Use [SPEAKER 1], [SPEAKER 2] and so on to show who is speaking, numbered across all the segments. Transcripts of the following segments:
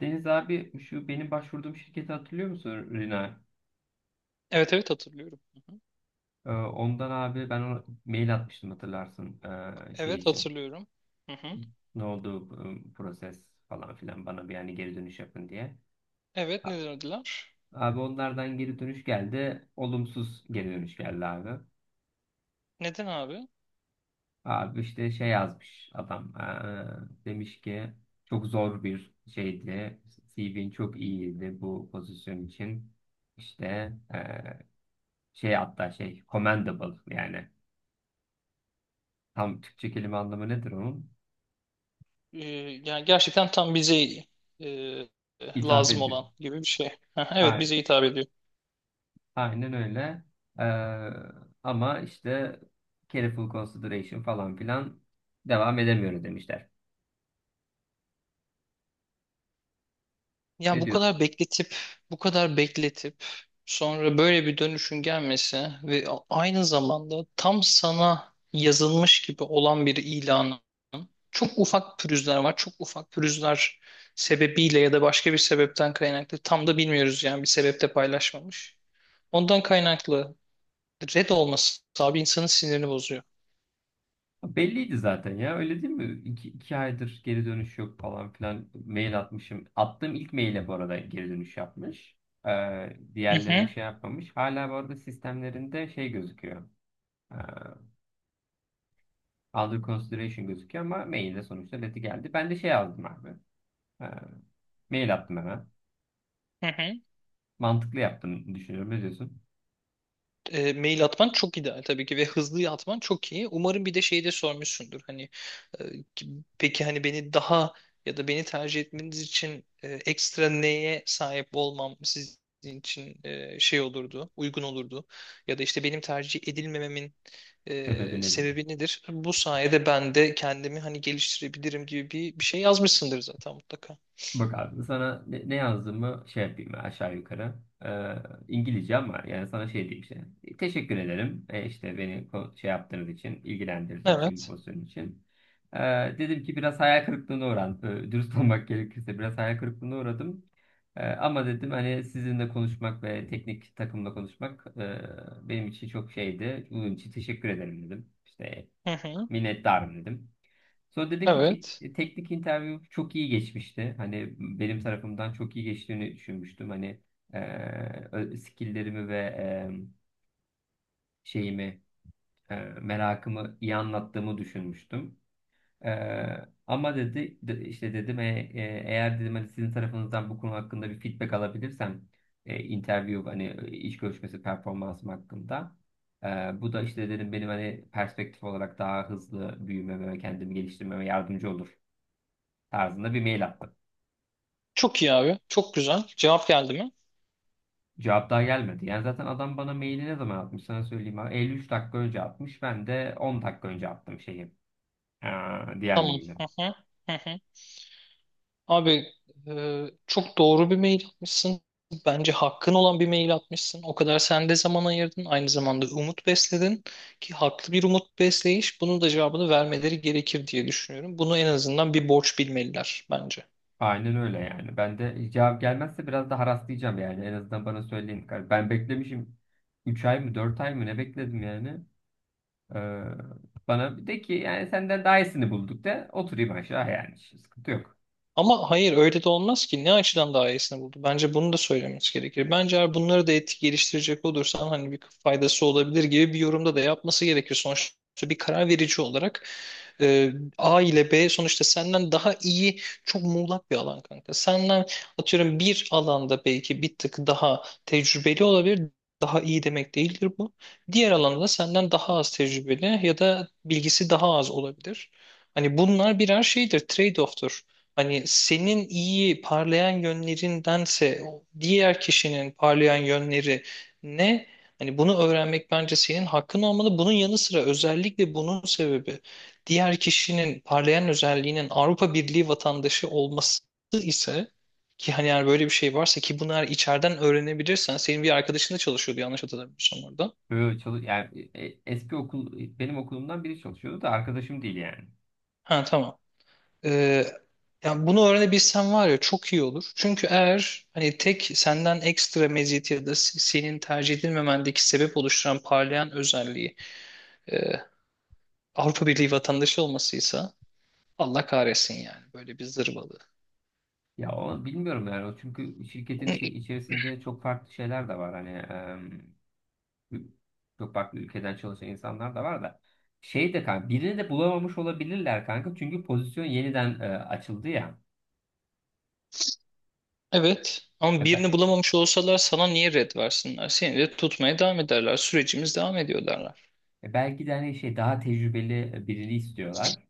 [SPEAKER 1] Deniz abi şu benim başvurduğum şirketi hatırlıyor musun Rina?
[SPEAKER 2] Evet evet hatırlıyorum. Hı hı.
[SPEAKER 1] Ondan abi ben ona mail atmıştım hatırlarsın şey
[SPEAKER 2] Evet
[SPEAKER 1] için.
[SPEAKER 2] hatırlıyorum. Hı hı.
[SPEAKER 1] Ne oldu bu proses falan filan bana bir yani geri dönüş yapın diye.
[SPEAKER 2] Evet
[SPEAKER 1] A-
[SPEAKER 2] neden ödüler?
[SPEAKER 1] Abi onlardan geri dönüş geldi. Olumsuz geri dönüş geldi abi.
[SPEAKER 2] Neden abi?
[SPEAKER 1] Abi işte şey yazmış adam. Demiş ki çok zor bir şeydi. CV'nin çok iyiydi bu pozisyon için. İşte ee, şey hatta şey commendable yani. Tam Türkçe kelime anlamı nedir onun?
[SPEAKER 2] Ee, Yani gerçekten tam bize e,
[SPEAKER 1] İthaf
[SPEAKER 2] lazım
[SPEAKER 1] ediyor.
[SPEAKER 2] olan gibi bir şey. Hı hı, evet
[SPEAKER 1] A-
[SPEAKER 2] bize hitap ediyor.
[SPEAKER 1] Aynen öyle. Ee, ama işte careful consideration falan filan devam edemiyoruz demişler.
[SPEAKER 2] Yani
[SPEAKER 1] Ne
[SPEAKER 2] bu
[SPEAKER 1] diyorsun?
[SPEAKER 2] kadar bekletip bu kadar bekletip sonra böyle bir dönüşün gelmesi ve aynı zamanda tam sana yazılmış gibi olan bir ilanı. Çok ufak pürüzler var. Çok ufak pürüzler sebebiyle ya da başka bir sebepten kaynaklı tam da bilmiyoruz yani bir sebepte paylaşmamış. Ondan kaynaklı red olması abi insanın sinirini bozuyor.
[SPEAKER 1] Belliydi zaten ya, öyle değil mi? İki aydır geri dönüş yok falan filan mail atmışım. Attığım ilk maile bu arada geri dönüş yapmış. Ee,
[SPEAKER 2] Hı
[SPEAKER 1] diğerlerine
[SPEAKER 2] hı,
[SPEAKER 1] şey yapmamış. Hala bu arada sistemlerinde şey gözüküyor. Ee, under consideration gözüküyor ama mailde sonuçta leti geldi. Ben de şey yazdım abi. Ee, Mail attım hemen.
[SPEAKER 2] hı hı.
[SPEAKER 1] Mantıklı yaptığını düşünüyorum. Ne diyorsun?
[SPEAKER 2] Mail atman çok ideal tabii ki ve hızlı atman çok iyi. Umarım bir de şeyi de sormuşsundur. Hani e, ki- peki hani beni daha ya da beni tercih etmeniz için ekstra neye sahip olmam sizin için şey olurdu, uygun olurdu. Ya da işte benim tercih edilmememin
[SPEAKER 1] Sebebi nedir?
[SPEAKER 2] sebebi nedir? Bu sayede ben de kendimi hani geliştirebilirim gibi bir şey yazmışsındır zaten mutlaka.
[SPEAKER 1] Bak abi sana ne yazdığımı şey yapayım aşağı yukarı. Ee, İngilizce ama yani sana şey diyeyim işte. Teşekkür ederim. E, işte beni şey yaptığınız için, ilgilendirdiğiniz için, bu pozisyon için. Ee, dedim ki biraz hayal kırıklığına uğradım. Dürüst olmak gerekirse biraz hayal kırıklığına uğradım. Ama dedim hani sizinle konuşmak ve teknik takımla konuşmak benim için çok şeydi. Bunun için teşekkür ederim dedim. İşte
[SPEAKER 2] Evet.
[SPEAKER 1] minnettarım dedim. Sonra dedim ki
[SPEAKER 2] Evet.
[SPEAKER 1] teknik interview çok iyi geçmişti. Hani benim tarafımdan çok iyi geçtiğini düşünmüştüm. Hani skilllerimi ve şeyimi, merakımı iyi anlattığımı düşünmüştüm. Ama dedi işte dedim eğer dedim hani sizin tarafınızdan bu konu hakkında bir feedback alabilirsem interview hani iş görüşmesi performansım hakkında e, bu da işte dedim benim hani perspektif olarak daha hızlı büyümeme ve kendimi geliştirmeme yardımcı olur tarzında bir mail attım.
[SPEAKER 2] Çok iyi abi. Çok güzel. Cevap geldi mi?
[SPEAKER 1] Cevap daha gelmedi. Yani zaten adam bana maili ne zaman atmış sana söyleyeyim abi. 53 dakika önce atmış. Ben de 10 dakika önce attım şeyi. e, diğer
[SPEAKER 2] Tamam.
[SPEAKER 1] maili.
[SPEAKER 2] Hı hı. Hı hı. Abi çok doğru bir mail atmışsın. Bence hakkın olan bir mail atmışsın. O kadar sen de zaman ayırdın. Aynı zamanda umut besledin ki haklı bir umut besleyiş. Bunun da cevabını vermeleri gerekir diye düşünüyorum. Bunu en azından bir borç bilmeliler bence.
[SPEAKER 1] Aynen öyle yani. Ben de cevap gelmezse biraz da haraslayacağım yani. En azından bana söyleyin. Hani ben beklemişim 3 ay mı 4 ay mı ne bekledim yani. Ee, bana bir de ki yani senden daha iyisini bulduk de oturayım aşağı yani. Hiç sıkıntı yok.
[SPEAKER 2] Ama hayır öyle de olmaz ki. Ne açıdan daha iyisini buldu? Bence bunu da söylemesi gerekir. Bence eğer bunları da etik geliştirecek olursan hani bir faydası olabilir gibi bir yorumda da yapması gerekir. Sonuçta bir karar verici olarak A ile B sonuçta senden daha iyi çok muğlak bir alan kanka. Senden atıyorum bir alanda belki bir tık daha tecrübeli olabilir. Daha iyi demek değildir bu. Diğer alanda da senden daha az tecrübeli ya da bilgisi daha az olabilir. Hani bunlar birer şeydir, trade-off'tur. Hani senin iyi parlayan yönlerindense o diğer kişinin parlayan yönleri ne? Hani bunu öğrenmek bence senin hakkın olmalı. Bunun yanı sıra özellikle bunun sebebi diğer kişinin parlayan özelliğinin Avrupa Birliği vatandaşı olması ise ki hani eğer böyle bir şey varsa ki bunu eğer içeriden öğrenebilirsen senin bir arkadaşın da çalışıyordu yanlış hatırlamıyorsam orada.
[SPEAKER 1] Böyle çalış yani eski okul benim okulumdan biri çalışıyordu da arkadaşım değil yani.
[SPEAKER 2] Ha tamam. Ee, Yani bunu öğrenebilsen var ya çok iyi olur. Çünkü eğer hani tek senden ekstra meziyet ya da senin tercih edilmemendeki sebep oluşturan parlayan özelliği e, Avrupa Birliği vatandaşı olmasıysa Allah kahretsin yani böyle bir zırvalığı.
[SPEAKER 1] Ya o bilmiyorum yani o çünkü şirketin şey içerisinde çok farklı şeyler de var hani. Çok farklı ülkeden çalışan insanlar da var da. Şey de kanka birini de bulamamış olabilirler kanka. Çünkü pozisyon yeniden açıldı ya.
[SPEAKER 2] Evet
[SPEAKER 1] E,
[SPEAKER 2] ama
[SPEAKER 1] be-
[SPEAKER 2] birini bulamamış olsalar sana niye red versinler? Seni de tutmaya devam ederler. Sürecimiz devam ediyor derler.
[SPEAKER 1] belki de hani şey daha tecrübeli birini istiyorlar.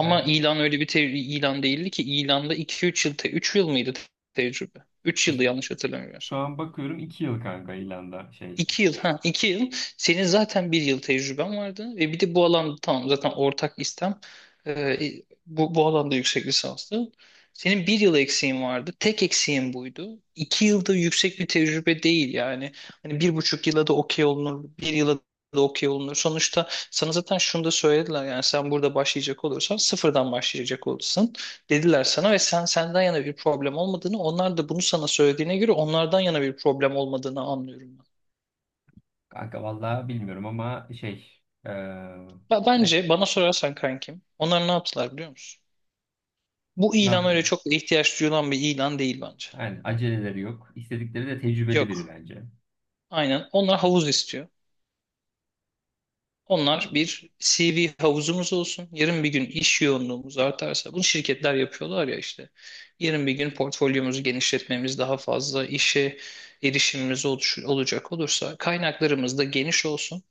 [SPEAKER 1] E,
[SPEAKER 2] ilan öyle bir ilan değildi ki ilanda 2-3 yıl, 3 yıl mıydı tecrübe? 3 yıldı
[SPEAKER 1] şu,
[SPEAKER 2] yanlış
[SPEAKER 1] şu
[SPEAKER 2] hatırlamıyorsam.
[SPEAKER 1] an bakıyorum 2 yıl kanka ilanda şey.
[SPEAKER 2] 2 yıl, ha 2 yıl. Senin zaten bir yıl tecrüben vardı ve bir de bu alanda tamam zaten ortak istem bu alanda yüksek lisanslı. Senin bir yıl eksiğin vardı. Tek eksiğin buydu. 2 yılda yüksek bir tecrübe değil yani. Hani 1,5 yıla da okey olunur. Bir yıla da okey olunur. Sonuçta sana zaten şunu da söylediler yani sen burada başlayacak olursan sıfırdan başlayacak olursun dediler sana ve sen senden yana bir problem olmadığını onlar da bunu sana söylediğine göre onlardan yana bir problem olmadığını anlıyorum.
[SPEAKER 1] Kanka vallahi bilmiyorum ama şey ne
[SPEAKER 2] Bence bana sorarsan kankim, onlar ne yaptılar biliyor musun? Bu
[SPEAKER 1] ne
[SPEAKER 2] ilan öyle
[SPEAKER 1] yapalım?
[SPEAKER 2] çok da ihtiyaç duyulan bir ilan değil bence.
[SPEAKER 1] Yani aceleleri yok. İstedikleri de tecrübeli biri
[SPEAKER 2] Yok.
[SPEAKER 1] bence.
[SPEAKER 2] Aynen. Onlar havuz istiyor. Onlar bir CV havuzumuz olsun. Yarın bir gün iş yoğunluğumuz artarsa, bunu şirketler yapıyorlar ya işte. Yarın bir gün portfolyomuzu genişletmemiz, daha fazla işe erişimimiz olacak olursa kaynaklarımız da geniş olsun.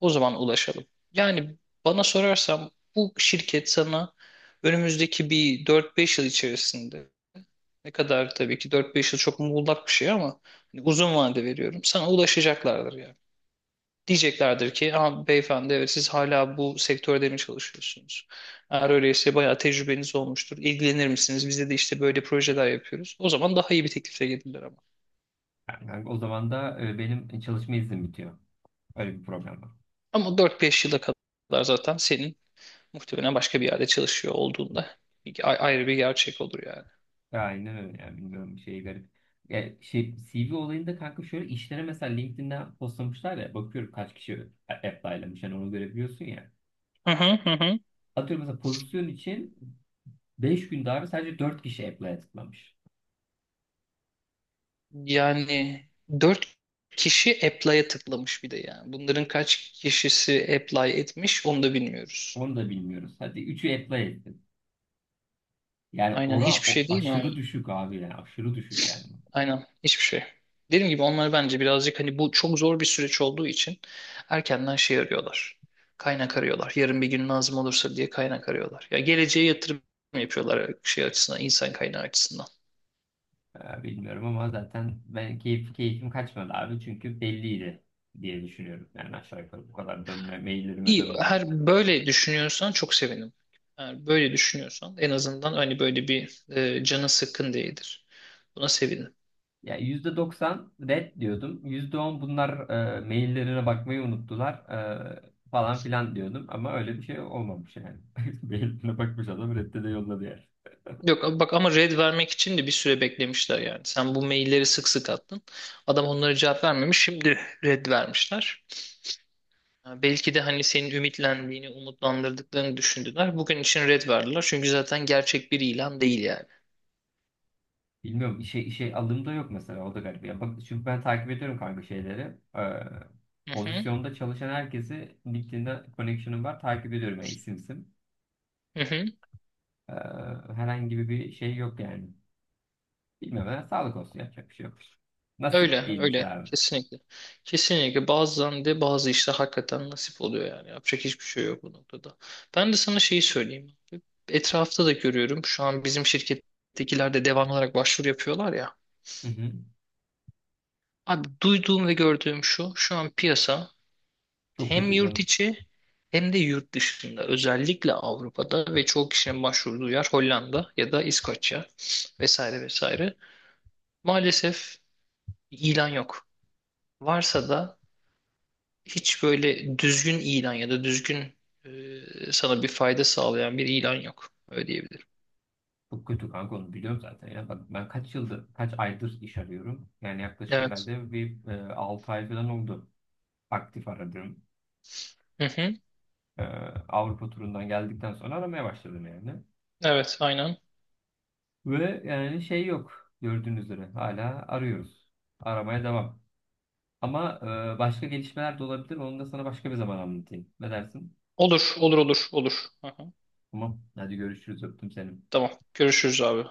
[SPEAKER 2] O zaman ulaşalım. Yani bana sorarsam bu şirket sana önümüzdeki bir 4-5 yıl içerisinde ne kadar tabii ki 4-5 yıl çok muğlak bir şey ama hani uzun vade veriyorum. Sana ulaşacaklardır yani. Diyeceklerdir ki ha, beyefendi evet siz hala bu sektörde mi çalışıyorsunuz? Eğer öyleyse bayağı tecrübeniz olmuştur. İlgilenir misiniz? Bizde de işte böyle projeler yapıyoruz. O zaman daha iyi bir teklifle gelirler ama.
[SPEAKER 1] Yani kanka o zaman da benim çalışma iznim bitiyor. Öyle bir problem var.
[SPEAKER 2] Ama 4-5 yıla kadar zaten senin muhtemelen başka bir yerde çalışıyor olduğunda ayrı bir gerçek olur yani.
[SPEAKER 1] Aynen öyle yani, bilmiyorum, şey garip. Ya şey CV olayında kanka şöyle işlere mesela LinkedIn'den postlamışlar ya, bakıyorum kaç kişi apply'lamış hani onu görebiliyorsun ya.
[SPEAKER 2] Hı hı hı. Hı.
[SPEAKER 1] Atıyorum mesela pozisyon için 5 gün daha sadece 4 kişi apply tıklamış.
[SPEAKER 2] Yani dört kişi apply'a tıklamış bir de yani. Bunların kaç kişisi apply etmiş onu da bilmiyoruz.
[SPEAKER 1] Onu da bilmiyoruz. Hadi 3'ü apply ettin. Yani
[SPEAKER 2] Aynen
[SPEAKER 1] ora
[SPEAKER 2] hiçbir
[SPEAKER 1] o
[SPEAKER 2] şey değil mi
[SPEAKER 1] aşırı
[SPEAKER 2] abi?
[SPEAKER 1] düşük abi, yani aşırı düşük yani.
[SPEAKER 2] Aynen hiçbir şey. Dediğim gibi onlar bence birazcık hani bu çok zor bir süreç olduğu için erkenden şey arıyorlar. Kaynak arıyorlar. Yarın bir gün lazım olursa diye kaynak arıyorlar. Ya geleceğe yatırım yapıyorlar şey açısından, insan kaynağı açısından.
[SPEAKER 1] Bilmiyorum ama zaten ben keyfim kaçmadı abi çünkü belliydi diye düşünüyorum. Yani aşağı yukarı bu kadar dönme maillerime
[SPEAKER 2] İyi,
[SPEAKER 1] dönmem.
[SPEAKER 2] her böyle düşünüyorsan çok sevinirim. Eğer böyle düşünüyorsan en azından hani böyle bir canın sıkkın değildir. Buna sevinirim.
[SPEAKER 1] Ya %90 red diyordum. %10 bunlar maillerine bakmayı unuttular falan filan diyordum. Ama öyle bir şey olmamış yani. Mailine bakmış adam redde de yolladı yani.
[SPEAKER 2] Yok bak ama red vermek için de bir süre beklemişler yani. Sen bu mailleri sık sık attın. Adam onlara cevap vermemiş. Şimdi red vermişler. Ha, belki de hani senin ümitlendiğini, umutlandırdıklarını düşündüler. Bugün için red verdiler. Çünkü zaten gerçek bir ilan değil yani.
[SPEAKER 1] Bilmiyorum işe alım da yok mesela, o da garip. Ya bak, çünkü ben takip ediyorum kanka şeyleri. E,
[SPEAKER 2] Hı hı.
[SPEAKER 1] pozisyonda çalışan herkesi LinkedIn'de connection'ım var. Takip ediyorum yani isim isim.
[SPEAKER 2] Hı hı.
[SPEAKER 1] E, herhangi bir şey yok yani. Bilmiyorum ya, sağlık olsun, yapacak bir şey yok. Nasip
[SPEAKER 2] Öyle,
[SPEAKER 1] değilmiş
[SPEAKER 2] öyle.
[SPEAKER 1] abi.
[SPEAKER 2] Kesinlikle. Kesinlikle. Bazen de bazı işler hakikaten nasip oluyor yani. Yapacak hiçbir şey yok bu noktada. Ben de sana şeyi söyleyeyim. Etrafta da görüyorum. Şu an bizim şirkettekiler de devamlı olarak başvuru yapıyorlar ya.
[SPEAKER 1] Hı hı.
[SPEAKER 2] Abi duyduğum ve gördüğüm şu. Şu an piyasa
[SPEAKER 1] Çok
[SPEAKER 2] hem
[SPEAKER 1] kötü
[SPEAKER 2] yurt
[SPEAKER 1] canım.
[SPEAKER 2] içi hem de yurt dışında. Özellikle Avrupa'da ve çoğu kişinin başvurduğu yer Hollanda ya da İskoçya vesaire vesaire. Maalesef ilan yok. Varsa da hiç böyle düzgün ilan ya da düzgün sana bir fayda sağlayan bir ilan yok. Öyle diyebilirim.
[SPEAKER 1] Çok kötü kanka, onu biliyorum zaten ya. Bak ben kaç aydır iş arıyorum. Yani yaklaşık
[SPEAKER 2] Evet.
[SPEAKER 1] herhalde bir 6 ay falan oldu, aktif aradım.
[SPEAKER 2] Hı hı.
[SPEAKER 1] E, Avrupa turundan geldikten sonra aramaya başladım yani.
[SPEAKER 2] Evet, aynen.
[SPEAKER 1] Ve yani şey yok, gördüğünüz üzere hala arıyoruz. Aramaya devam. Ama başka gelişmeler de olabilir. Onu da sana başka bir zaman anlatayım. Ne dersin?
[SPEAKER 2] Olur, olur, olur, olur. Hı hı.
[SPEAKER 1] Tamam. Hadi görüşürüz. Öptüm seni.
[SPEAKER 2] Tamam. Görüşürüz abi.